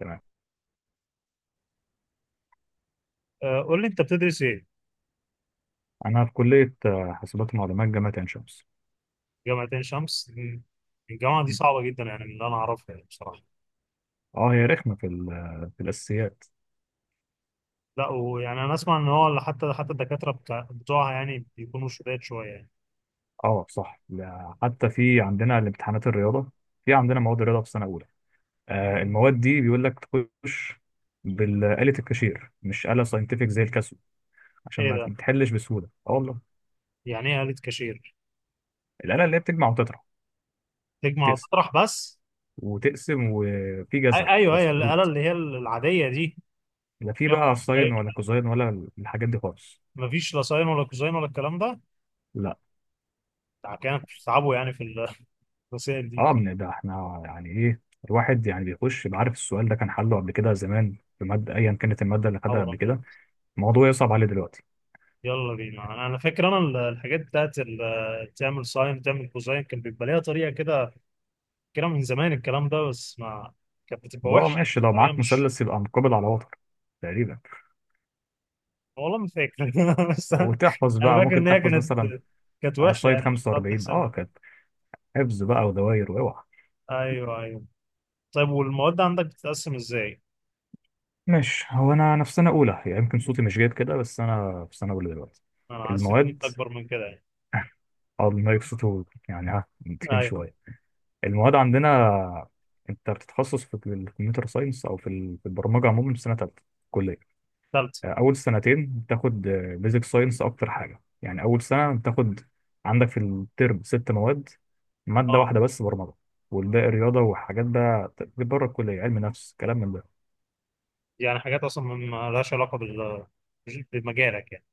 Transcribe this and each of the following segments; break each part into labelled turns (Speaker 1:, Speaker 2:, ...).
Speaker 1: تمام.
Speaker 2: قول لي انت بتدرس ايه؟
Speaker 1: انا في كليه حاسبات ومعلومات جامعه عين شمس.
Speaker 2: جامعة عين شمس مم. الجامعة دي صعبة جدا يعني من اللي انا اعرفها يعني بصراحة.
Speaker 1: اه، هي رخمه في في الاساسيات.
Speaker 2: لا، ويعني انا اسمع ان هو حتى الدكاترة بتاع بتوعها يعني بيكونوا شداد شوية يعني.
Speaker 1: اه، صح. لا، حتى في عندنا الامتحانات الرياضه. في عندنا مواد رياضه في سنه اولى. المواد دي بيقول لك تخش بالآلة الكاشير مش آلة ساينتفك زي الكاسيو عشان
Speaker 2: ايه
Speaker 1: ما
Speaker 2: ده؟
Speaker 1: تحلش بسهوله. اه، والله.
Speaker 2: يعني ايه آلة كاشير؟
Speaker 1: الآلة اللي هي بتجمع وتطرح،
Speaker 2: تجمع
Speaker 1: تقسم
Speaker 2: وتطرح بس؟
Speaker 1: وتقسم، وفي
Speaker 2: أي
Speaker 1: جزر
Speaker 2: ايوه، هي
Speaker 1: بس
Speaker 2: الآلة
Speaker 1: روت.
Speaker 2: اللي هي العادية دي.
Speaker 1: لا، في بقى ساين ولا كوزاين ولا الحاجات دي خالص.
Speaker 2: ما فيش لا ساين ولا كوزاين ولا الكلام ده.
Speaker 1: لا.
Speaker 2: ده كانوا بيتعبوا يعني في الرسائل دي.
Speaker 1: اه من ده احنا يعني ايه، الواحد يعني بيخش بعرف السؤال ده كان حله قبل كده زمان في ماده ايا كانت الماده اللي خدها
Speaker 2: خبر
Speaker 1: قبل
Speaker 2: ابيض.
Speaker 1: كده. الموضوع يصعب عليه دلوقتي.
Speaker 2: يلا بينا، أنا فاكر انا الحاجات تعمل ساين تعمل كوزاين كان بيبقى ليها طريقة كده. كلام من زمان الكلام ده، بس ما كانت بتبقى
Speaker 1: لو
Speaker 2: وحشه يعني
Speaker 1: ماشي لو
Speaker 2: بطريقه
Speaker 1: معاك
Speaker 2: مش.
Speaker 1: مثلث يبقى مقابل على وتر تقريبا.
Speaker 2: والله ما فاكر بس انا
Speaker 1: وتحفظ
Speaker 2: أنا
Speaker 1: بقى،
Speaker 2: فاكر
Speaker 1: ممكن
Speaker 2: ان هي
Speaker 1: تحفظ
Speaker 2: كانت،
Speaker 1: مثلا
Speaker 2: كانت
Speaker 1: على
Speaker 2: وحشه
Speaker 1: السايد
Speaker 2: يعني مش هتقعد
Speaker 1: 45.
Speaker 2: تحسب.
Speaker 1: اه، كانت حفظ بقى ودواير واوعى.
Speaker 2: ايوه ايوه. طيب، والمواد عندك بتتقسم ازاي؟
Speaker 1: ماشي. هو انا في سنه اولى، يعني يمكن صوتي مش جايب كده، بس انا في سنه اولى دلوقتي.
Speaker 2: انا حسيت ان
Speaker 1: المواد.
Speaker 2: انت اكبر من كده يعني.
Speaker 1: اه، المايك صوته يعني ها متكين
Speaker 2: ايوه.
Speaker 1: شويه. المواد عندنا، انت بتتخصص في الكمبيوتر ساينس او في في البرمجه عموما في سنه ثالثه كليه.
Speaker 2: ثالثه.
Speaker 1: اول سنتين بتاخد بيزك ساينس اكتر حاجه. يعني اول سنه بتاخد عندك في الترم ست مواد، ماده
Speaker 2: اه
Speaker 1: واحده بس برمجه، والباقي رياضه وحاجات بقى بره الكليه، علم نفس كلام من ده.
Speaker 2: يعني حاجات اصلا ما لهاش علاقه بمجالك يعني.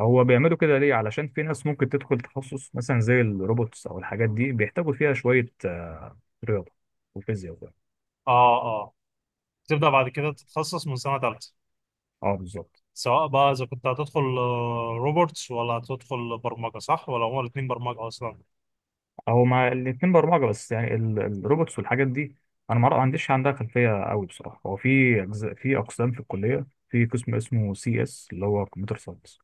Speaker 1: هو بيعملوا كده ليه؟ علشان في ناس ممكن تدخل تخصص مثلا زي الروبوتس او الحاجات دي، بيحتاجوا فيها شويه رياضه وفيزياء وكده.
Speaker 2: اه اه. تبدا بعد كده تتخصص من سنه ثالثه.
Speaker 1: اه، بالظبط.
Speaker 2: سواء بقى اذا كنت هتدخل روبوتس ولا هتدخل برمجه، صح؟ ولا هما الاثنين برمجه اصلا؟
Speaker 1: هو مع الاتنين برمجة، بس يعني الروبوتس والحاجات دي، أنا ما عنديش عندها خلفية قوي بصراحة. هو في أجزاء، في أقسام في الكلية. في قسم اسمه سي اس، اللي هو كمبيوتر ساينس.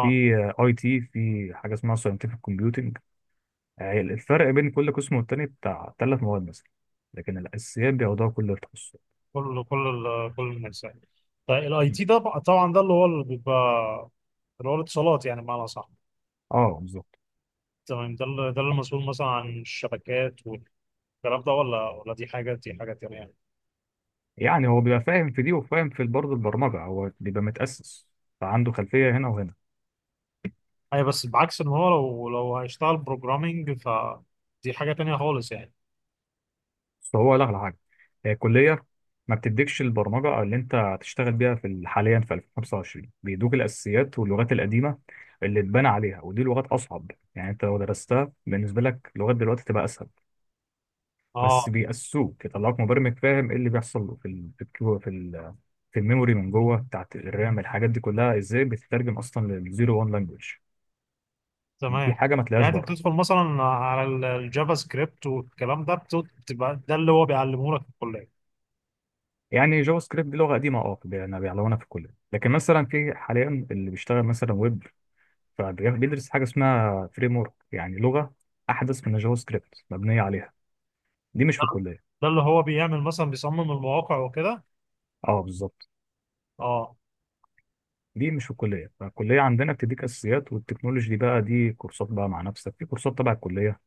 Speaker 1: في اي تي. في حاجة اسمها ساينتفك كومبيوتنج. الفرق بين كل قسم والتاني بتاع ثلاث مواد مثلا، لكن الأساسيات بياخدوها كل التخصصات.
Speaker 2: كل الناس يعني. طيب، الاي
Speaker 1: م.
Speaker 2: تي ده بقى، طبعا ده اللي هو اللي بيبقى اللي هو الاتصالات، يعني بمعنى صح.
Speaker 1: اه، بالظبط.
Speaker 2: تمام، ده اللي المسؤول مثلا عن الشبكات والكلام ده، ولا دي حاجه، دي حاجه تانيه يعني.
Speaker 1: يعني هو بيبقى فاهم في دي وفاهم في برضه البرمجة، هو بيبقى متأسس فعنده خلفية هنا وهنا.
Speaker 2: اي، بس بعكس ان هو لو هيشتغل بروجرامنج فدي حاجه تانيه خالص يعني.
Speaker 1: بس هو لا على حاجه. هي الكليه ما بتديكش البرمجه او اللي انت هتشتغل بيها في حاليا في 2025. بيدوك الاساسيات واللغات القديمه اللي اتبنى عليها، ودي لغات اصعب، يعني انت لو درستها، بالنسبه لك لغات دلوقتي تبقى اسهل. بس
Speaker 2: اه
Speaker 1: بيأسوك، يطلعوك مبرمج فاهم ايه اللي بيحصل له في في في الميموري من جوه بتاعت الرام، الحاجات دي كلها ازاي بتترجم اصلا للزيرو وان لانجوج. دي
Speaker 2: تمام.
Speaker 1: حاجه ما
Speaker 2: يعني
Speaker 1: تلاقيهاش
Speaker 2: انت
Speaker 1: بره.
Speaker 2: بتدخل مثلا على الجافا سكريبت والكلام ده، بتبقى ده اللي هو بيعلمه لك في الكليه.
Speaker 1: يعني جافا سكريبت دي لغه قديمه، اه، بيعلمونا في الكليه، لكن مثلا في حاليا اللي بيشتغل مثلا ويب فبيدرس حاجه اسمها فريم ورك، يعني لغه احدث من الجافا سكريبت مبنيه عليها. دي مش في الكليه.
Speaker 2: ده اللي هو بيعمل مثلا بيصمم المواقع وكده.
Speaker 1: اه، بالظبط.
Speaker 2: اه.
Speaker 1: دي مش في الكليه. فالكليه عندنا بتديك اساسيات، والتكنولوجي دي بقى دي كورسات بقى مع نفسك، في كورسات تبع الكليه،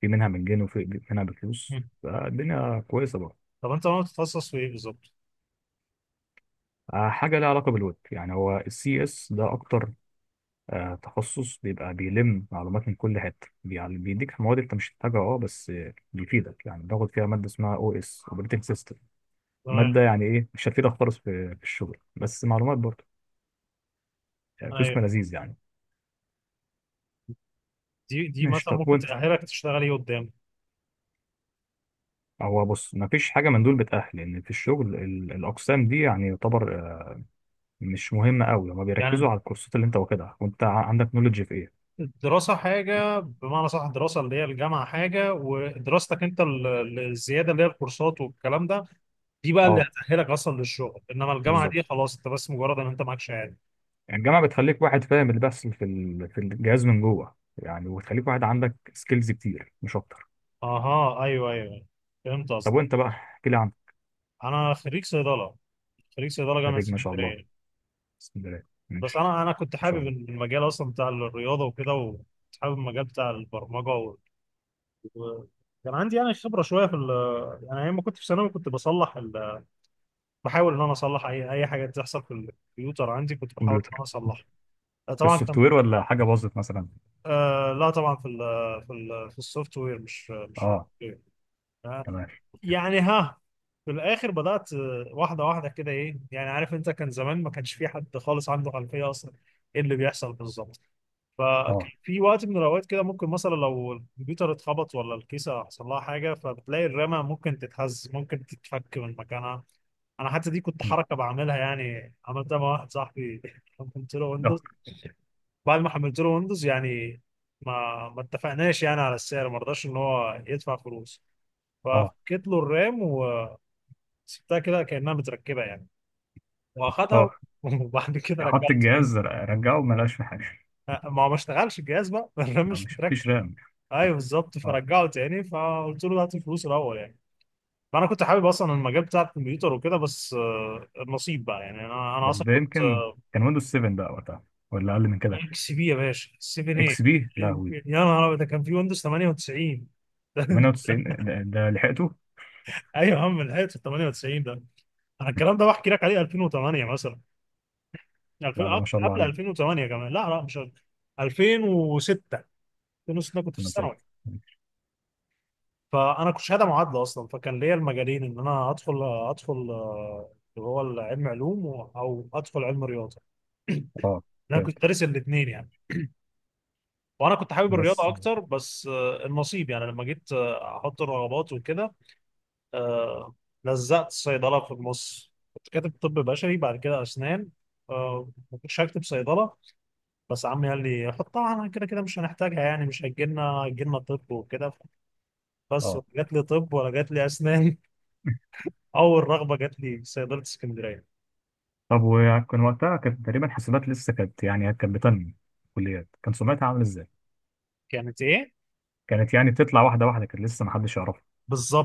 Speaker 1: في منها مجاني وفي منها بفلوس، فالدنيا كويسه بقى.
Speaker 2: طب انت ناوي تتخصص في ايه بالظبط؟
Speaker 1: حاجه لها علاقه بالويب. يعني هو السي اس ده اكتر تخصص، بيبقى بيلم معلومات من كل حته، يعني بيديك مواد انت مش محتاجها، اه، بس بيفيدك. يعني باخد فيها ماده اسمها او اس، اوبريتنج سيستم. مادة
Speaker 2: تمام.
Speaker 1: يعني إيه؟ مش هتفيدك خالص في الشغل، بس معلومات برضه. يعني
Speaker 2: ايوه،
Speaker 1: قسم لذيذ يعني.
Speaker 2: دي
Speaker 1: ماشي،
Speaker 2: مثلا
Speaker 1: طب
Speaker 2: ممكن
Speaker 1: وأنت؟
Speaker 2: تأهلك تشتغل ايه قدام.
Speaker 1: هو بص، مفيش حاجة من دول بتأهل، لأن في الشغل الأقسام دي يعني يعتبر مش مهمة أوي. هما بيركزوا
Speaker 2: يعني
Speaker 1: على الكورسات اللي أنت واخدها، وأنت عندك نولج في إيه.
Speaker 2: الدراسة حاجة، بمعنى صح الدراسة اللي هي الجامعة حاجة، ودراستك انت الزيادة اللي هي الكورسات والكلام ده دي بقى اللي
Speaker 1: أه،
Speaker 2: هتأهلك اصلا للشغل. انما الجامعة
Speaker 1: بالظبط.
Speaker 2: دي خلاص، انت بس مجرد ان انت معاك شهادة.
Speaker 1: يعني الجامعة بتخليك واحد فاهم اللي بيحصل في في الجهاز من جوه يعني، وتخليك واحد عندك سكيلز كتير مش أكتر.
Speaker 2: اها ايوه ايوه، فهمت
Speaker 1: طب
Speaker 2: قصدك.
Speaker 1: وأنت بقى، احكي لي عنك.
Speaker 2: انا خريج صيدلة. خريج صيدله جامعه
Speaker 1: خريج، ما شاء الله.
Speaker 2: اسكندريه.
Speaker 1: بسم الله.
Speaker 2: بس
Speaker 1: ماشي.
Speaker 2: انا كنت
Speaker 1: ما شاء
Speaker 2: حابب
Speaker 1: الله.
Speaker 2: المجال اصلا بتاع الرياضه وكده، وكنت حابب المجال بتاع البرمجه. كان عندي يعني خبره شويه في ال. يعني ايام ما كنت في ثانوي كنت بصلح بحاول ان انا اصلح اي حاجه تحصل في الكمبيوتر عندي، كنت بحاول ان انا
Speaker 1: كمبيوتر.
Speaker 2: اصلحها. طبعا كان،
Speaker 1: السوفت وير ولا حاجة باظت مثلا؟
Speaker 2: آه لا طبعا في ال، في ال، في السوفت وير، مش في
Speaker 1: أه.
Speaker 2: ال. آه،
Speaker 1: تمام.
Speaker 2: يعني ها في الاخر بدات واحده واحده كده، ايه يعني عارف انت كان زمان ما كانش في حد خالص عنده خلفيه اصلا ايه اللي بيحصل بالظبط. فكان
Speaker 1: اه.
Speaker 2: في وقت من الاوقات كده ممكن مثلا لو الكمبيوتر اتخبط ولا الكيسه حصل لها حاجه، فبتلاقي الرامه ممكن تتهز، ممكن تتفك من مكانها. انا حتى دي كنت حركه بعملها، يعني عملتها مع واحد صاحبي حملت له
Speaker 1: اه.
Speaker 2: ويندوز. بعد ما حملت له ويندوز، يعني ما اتفقناش يعني على السعر، ما رضاش ان هو يدفع فلوس،
Speaker 1: اه.
Speaker 2: ففكيت له الرام وسبتها كده كانها متركبه يعني، واخدها
Speaker 1: اه.
Speaker 2: وبعد كده
Speaker 1: حط
Speaker 2: رجعت تاني.
Speaker 1: الجهاز رجعه ما لقاش في حاجه.
Speaker 2: ما هو ما اشتغلش الجهاز بقى الرام
Speaker 1: ما
Speaker 2: مش
Speaker 1: مش
Speaker 2: متركب.
Speaker 1: مفيش رام.
Speaker 2: ايوه بالظبط.
Speaker 1: اه،
Speaker 2: فرجعه تاني، فقلت له هات الفلوس الاول يعني. فانا كنت حابب اصلا المجال بتاع الكمبيوتر وكده، بس النصيب بقى يعني، انا
Speaker 1: بس
Speaker 2: اصلا
Speaker 1: ده
Speaker 2: كنت.
Speaker 1: يمكن كان ويندوز 7 بقى وقتها، ولا اقل من كده؟
Speaker 2: اكس بي يا باشا، 7 ايه؟
Speaker 1: اكس بي؟ لا، هو
Speaker 2: يا نهار ابيض، ده كان في ويندوز 98
Speaker 1: 98 ده لحقته.
Speaker 2: ايوه يا عم، لحقت في 98 ده. انا الكلام ده بحكي لك عليه 2008 مثلا، 2000،
Speaker 1: لا، لا، ما شاء الله
Speaker 2: قبل
Speaker 1: عليه.
Speaker 2: 2008 كمان. لا لا، مش قبل. 2006. 2006 كنت في
Speaker 1: 2006.
Speaker 2: الثانوي. فانا كنت شهاده معادله اصلا، فكان ليا المجالين ان انا ادخل، ادخل اللي هو العلم علوم، او ادخل علم رياضه.
Speaker 1: اه،
Speaker 2: انا
Speaker 1: كده
Speaker 2: كنت دارس الاثنين يعني، وانا كنت حابب الرياضه
Speaker 1: بس.
Speaker 2: اكتر، بس النصيب يعني. لما جيت احط الرغبات وكده، آه، لزقت صيدله في النص. كنت كاتب طب بشري، بعد كده اسنان. ما كنتش هكتب صيدله، بس عمي قال لي حطها، انا كده كده مش هنحتاجها يعني، مش هيجي لنا، هيجي لنا طب وكده. بس
Speaker 1: اه،
Speaker 2: جات لي طب ولا جات لي اسنان. اول رغبه جات لي صيدله اسكندريه.
Speaker 1: طب وكان وقتها كانت تقريبا حسابات لسه كانت، يعني كانت بتنمي كليات، كان سمعتها عامله ازاي؟
Speaker 2: كانت ايه؟
Speaker 1: كانت يعني بتطلع واحده واحده، كانت لسه ما حدش يعرفها.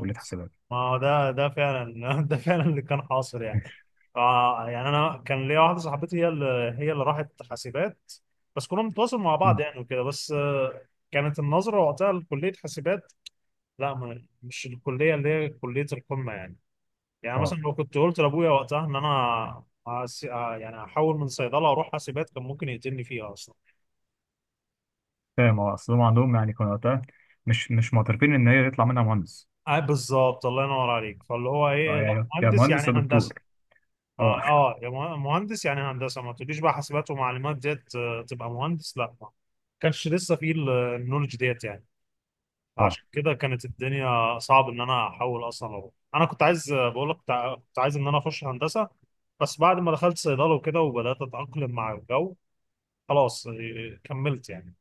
Speaker 1: كليه حسابات.
Speaker 2: ما هو ده، ده فعلا ده فعلا اللي كان حاصل يعني. آه يعني انا كان ليا واحده صاحبتي، هي اللي، هي اللي راحت حاسبات. بس كنا بنتواصل مع بعض
Speaker 1: مم.
Speaker 2: يعني وكده، بس آه كانت النظره وقتها لكليه حاسبات، لا مش الكليه اللي هي كليه القمه يعني. يعني مثلا
Speaker 1: اه،
Speaker 2: لو كنت قلت لابويا وقتها ان انا يعني هحول من صيدله اروح حاسبات كان ممكن يقتلني فيها.
Speaker 1: فاهم. اه، اصل هم عندهم يعني كانوا وقتها مش معترفين ان هي يطلع منها مهندس.
Speaker 2: بالظبط، الله ينور عليك، فاللي هو ايه،
Speaker 1: اه،
Speaker 2: لا
Speaker 1: يا
Speaker 2: مهندس يعني
Speaker 1: مهندس يا
Speaker 2: هندسه.
Speaker 1: دكتور.
Speaker 2: ما
Speaker 1: اه.
Speaker 2: اه، يا مهندس يعني هندسه، ما تقوليش بقى حاسبات ومعلومات ديت تبقى مهندس، لا ما كانش لسه فيه النولج ديت يعني.
Speaker 1: اه،
Speaker 2: فعشان كده كانت الدنيا صعب ان انا احول اصلا أروح. انا كنت عايز، بقول لك كنت كنت عايز ان انا اخش هندسه. بس بعد ما دخلت صيدله وكده وبدات اتاقلم مع الجو، خلاص كملت يعني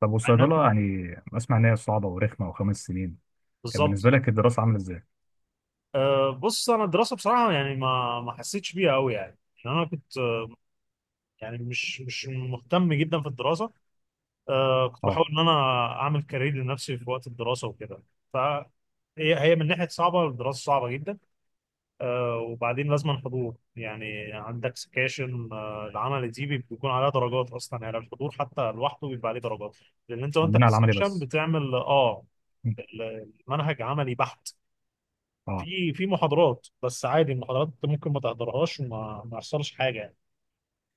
Speaker 1: طب والصيدله
Speaker 2: أنا،
Speaker 1: يعني، اسمع ان هي صعبه ورخمه وخمس سنين. كان بالنسبه
Speaker 2: بالظبط.
Speaker 1: لك الدراسه عامله ازاي؟
Speaker 2: بص انا الدراسه بصراحه يعني ما حسيتش بيها قوي يعني. يعني انا كنت، يعني مش مهتم جدا في الدراسه. آه كنت
Speaker 1: اه،
Speaker 2: بحاول ان انا اعمل كارير لنفسي في وقت الدراسه وكده. ف هي، هي من ناحيه صعبه، الدراسه صعبه جدا. آه، وبعدين لازم حضور يعني، عندك سكاشن. آه، العمل دي بيكون عليها درجات اصلا يعني، الحضور حتى لوحده بيبقى عليه درجات، لان انت وانت في
Speaker 1: عندنا على العملي
Speaker 2: السكشن
Speaker 1: بس.
Speaker 2: بتعمل. اه،
Speaker 1: م.
Speaker 2: المنهج عملي بحت.
Speaker 1: اه،
Speaker 2: في محاضرات بس عادي، المحاضرات انت ممكن ما تحضرهاش وما ما يحصلش حاجه يعني،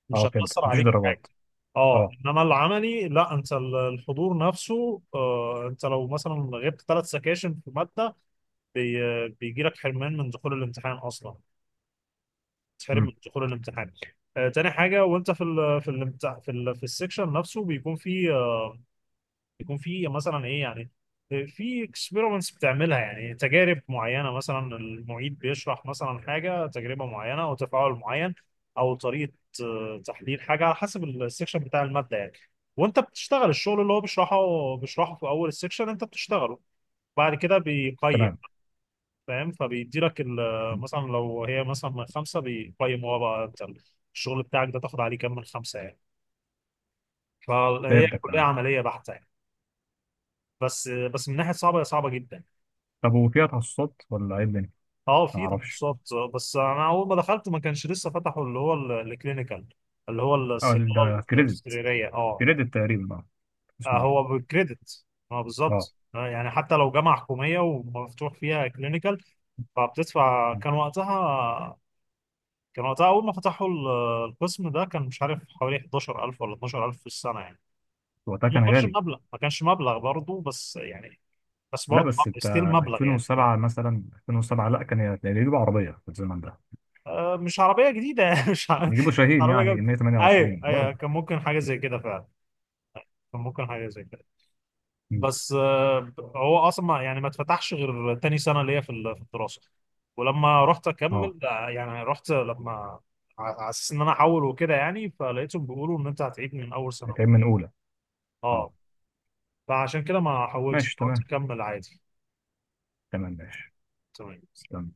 Speaker 2: مش
Speaker 1: اه، فهمت.
Speaker 2: هتاثر
Speaker 1: مفيش
Speaker 2: عليك في حاجه.
Speaker 1: درجات.
Speaker 2: اه.
Speaker 1: اه.
Speaker 2: انما العملي لا، انت الحضور نفسه، آه انت لو مثلا غبت ثلاث سكاشن في ماده، بي بيجي لك حرمان من دخول الامتحان اصلا، تحرم
Speaker 1: امم.
Speaker 2: من دخول الامتحان. آه، تاني حاجه وانت في ال، في الامتحان في ال، في السكشن نفسه بيكون في، يكون في مثلا ايه يعني، في اكسبيرمنتس بتعملها يعني، تجارب معينه، مثلا المعيد بيشرح مثلا حاجه، تجربه معينه او تفاعل معين او طريقه تحليل حاجه، على حسب السكشن بتاع الماده يعني. وانت بتشتغل الشغل اللي هو بيشرحه، بيشرحه في اول السكشن انت بتشتغله، بعد كده بيقيم.
Speaker 1: تمام.
Speaker 2: فاهم، فبيدي لك مثلا لو هي مثلا من خمسه بيقيم هو بقى انت الشغل بتاعك ده تاخد عليه كام من خمسه يعني. فهي
Speaker 1: فهمتك،
Speaker 2: كليه
Speaker 1: تمام.
Speaker 2: عمليه بحته يعني. بس من ناحيه صعبه، هي صعبه جدا.
Speaker 1: طب وفيها تخصصات ولا ايه الدنيا؟
Speaker 2: اه
Speaker 1: ما
Speaker 2: في
Speaker 1: اعرفش.
Speaker 2: تخصصات، بس انا اول ما دخلت ما كانش لسه فتحوا اللي هو الكلينيكال اللي هو
Speaker 1: اه،
Speaker 2: الصيدله
Speaker 1: ده كريدت؟
Speaker 2: السريريه. اه،
Speaker 1: كريدت تقريبا، اه. بسم الله.
Speaker 2: هو بالكريدت. اه
Speaker 1: اه،
Speaker 2: بالظبط. يعني حتى لو جامعه حكوميه ومفتوح فيها كلينيكال، فبتدفع. كان وقتها، كان وقتها اول ما فتحوا القسم ده، كان مش عارف حوالي 11,000 ولا 12,000 في السنه يعني.
Speaker 1: وقتها كان غالي.
Speaker 2: ما كانش مبلغ برضه، بس يعني بس
Speaker 1: لا،
Speaker 2: برضه
Speaker 1: بس انت
Speaker 2: ستيل مبلغ يعني.
Speaker 1: 2007 مثلا. 2007، لا، كان يجيبوا عربيه في الزمن ده.
Speaker 2: مش عربية جديدة مش
Speaker 1: يجيبوا شاهين،
Speaker 2: عربية
Speaker 1: يعني
Speaker 2: جديدة. ايوه
Speaker 1: 128
Speaker 2: ايوه
Speaker 1: برضه.
Speaker 2: كان ممكن حاجة زي كده فعلا، كان ممكن حاجة زي كده.
Speaker 1: مم.
Speaker 2: بس هو اصلا يعني ما اتفتحش غير تاني سنة ليا في في الدراسة. ولما رحت
Speaker 1: اه،
Speaker 2: اكمل يعني رحت لما على اساس ان انا احول وكده يعني، فلقيتهم بيقولوا ان انت هتعيد من اول سنة اولى.
Speaker 1: هيتعمل من اولى.
Speaker 2: اه.
Speaker 1: اه،
Speaker 2: فعشان كده ما حولتش،
Speaker 1: ماشي،
Speaker 2: قلت
Speaker 1: تمام.
Speaker 2: اكمل عادي.
Speaker 1: تمام، ماشي.
Speaker 2: تمام.
Speaker 1: استنى.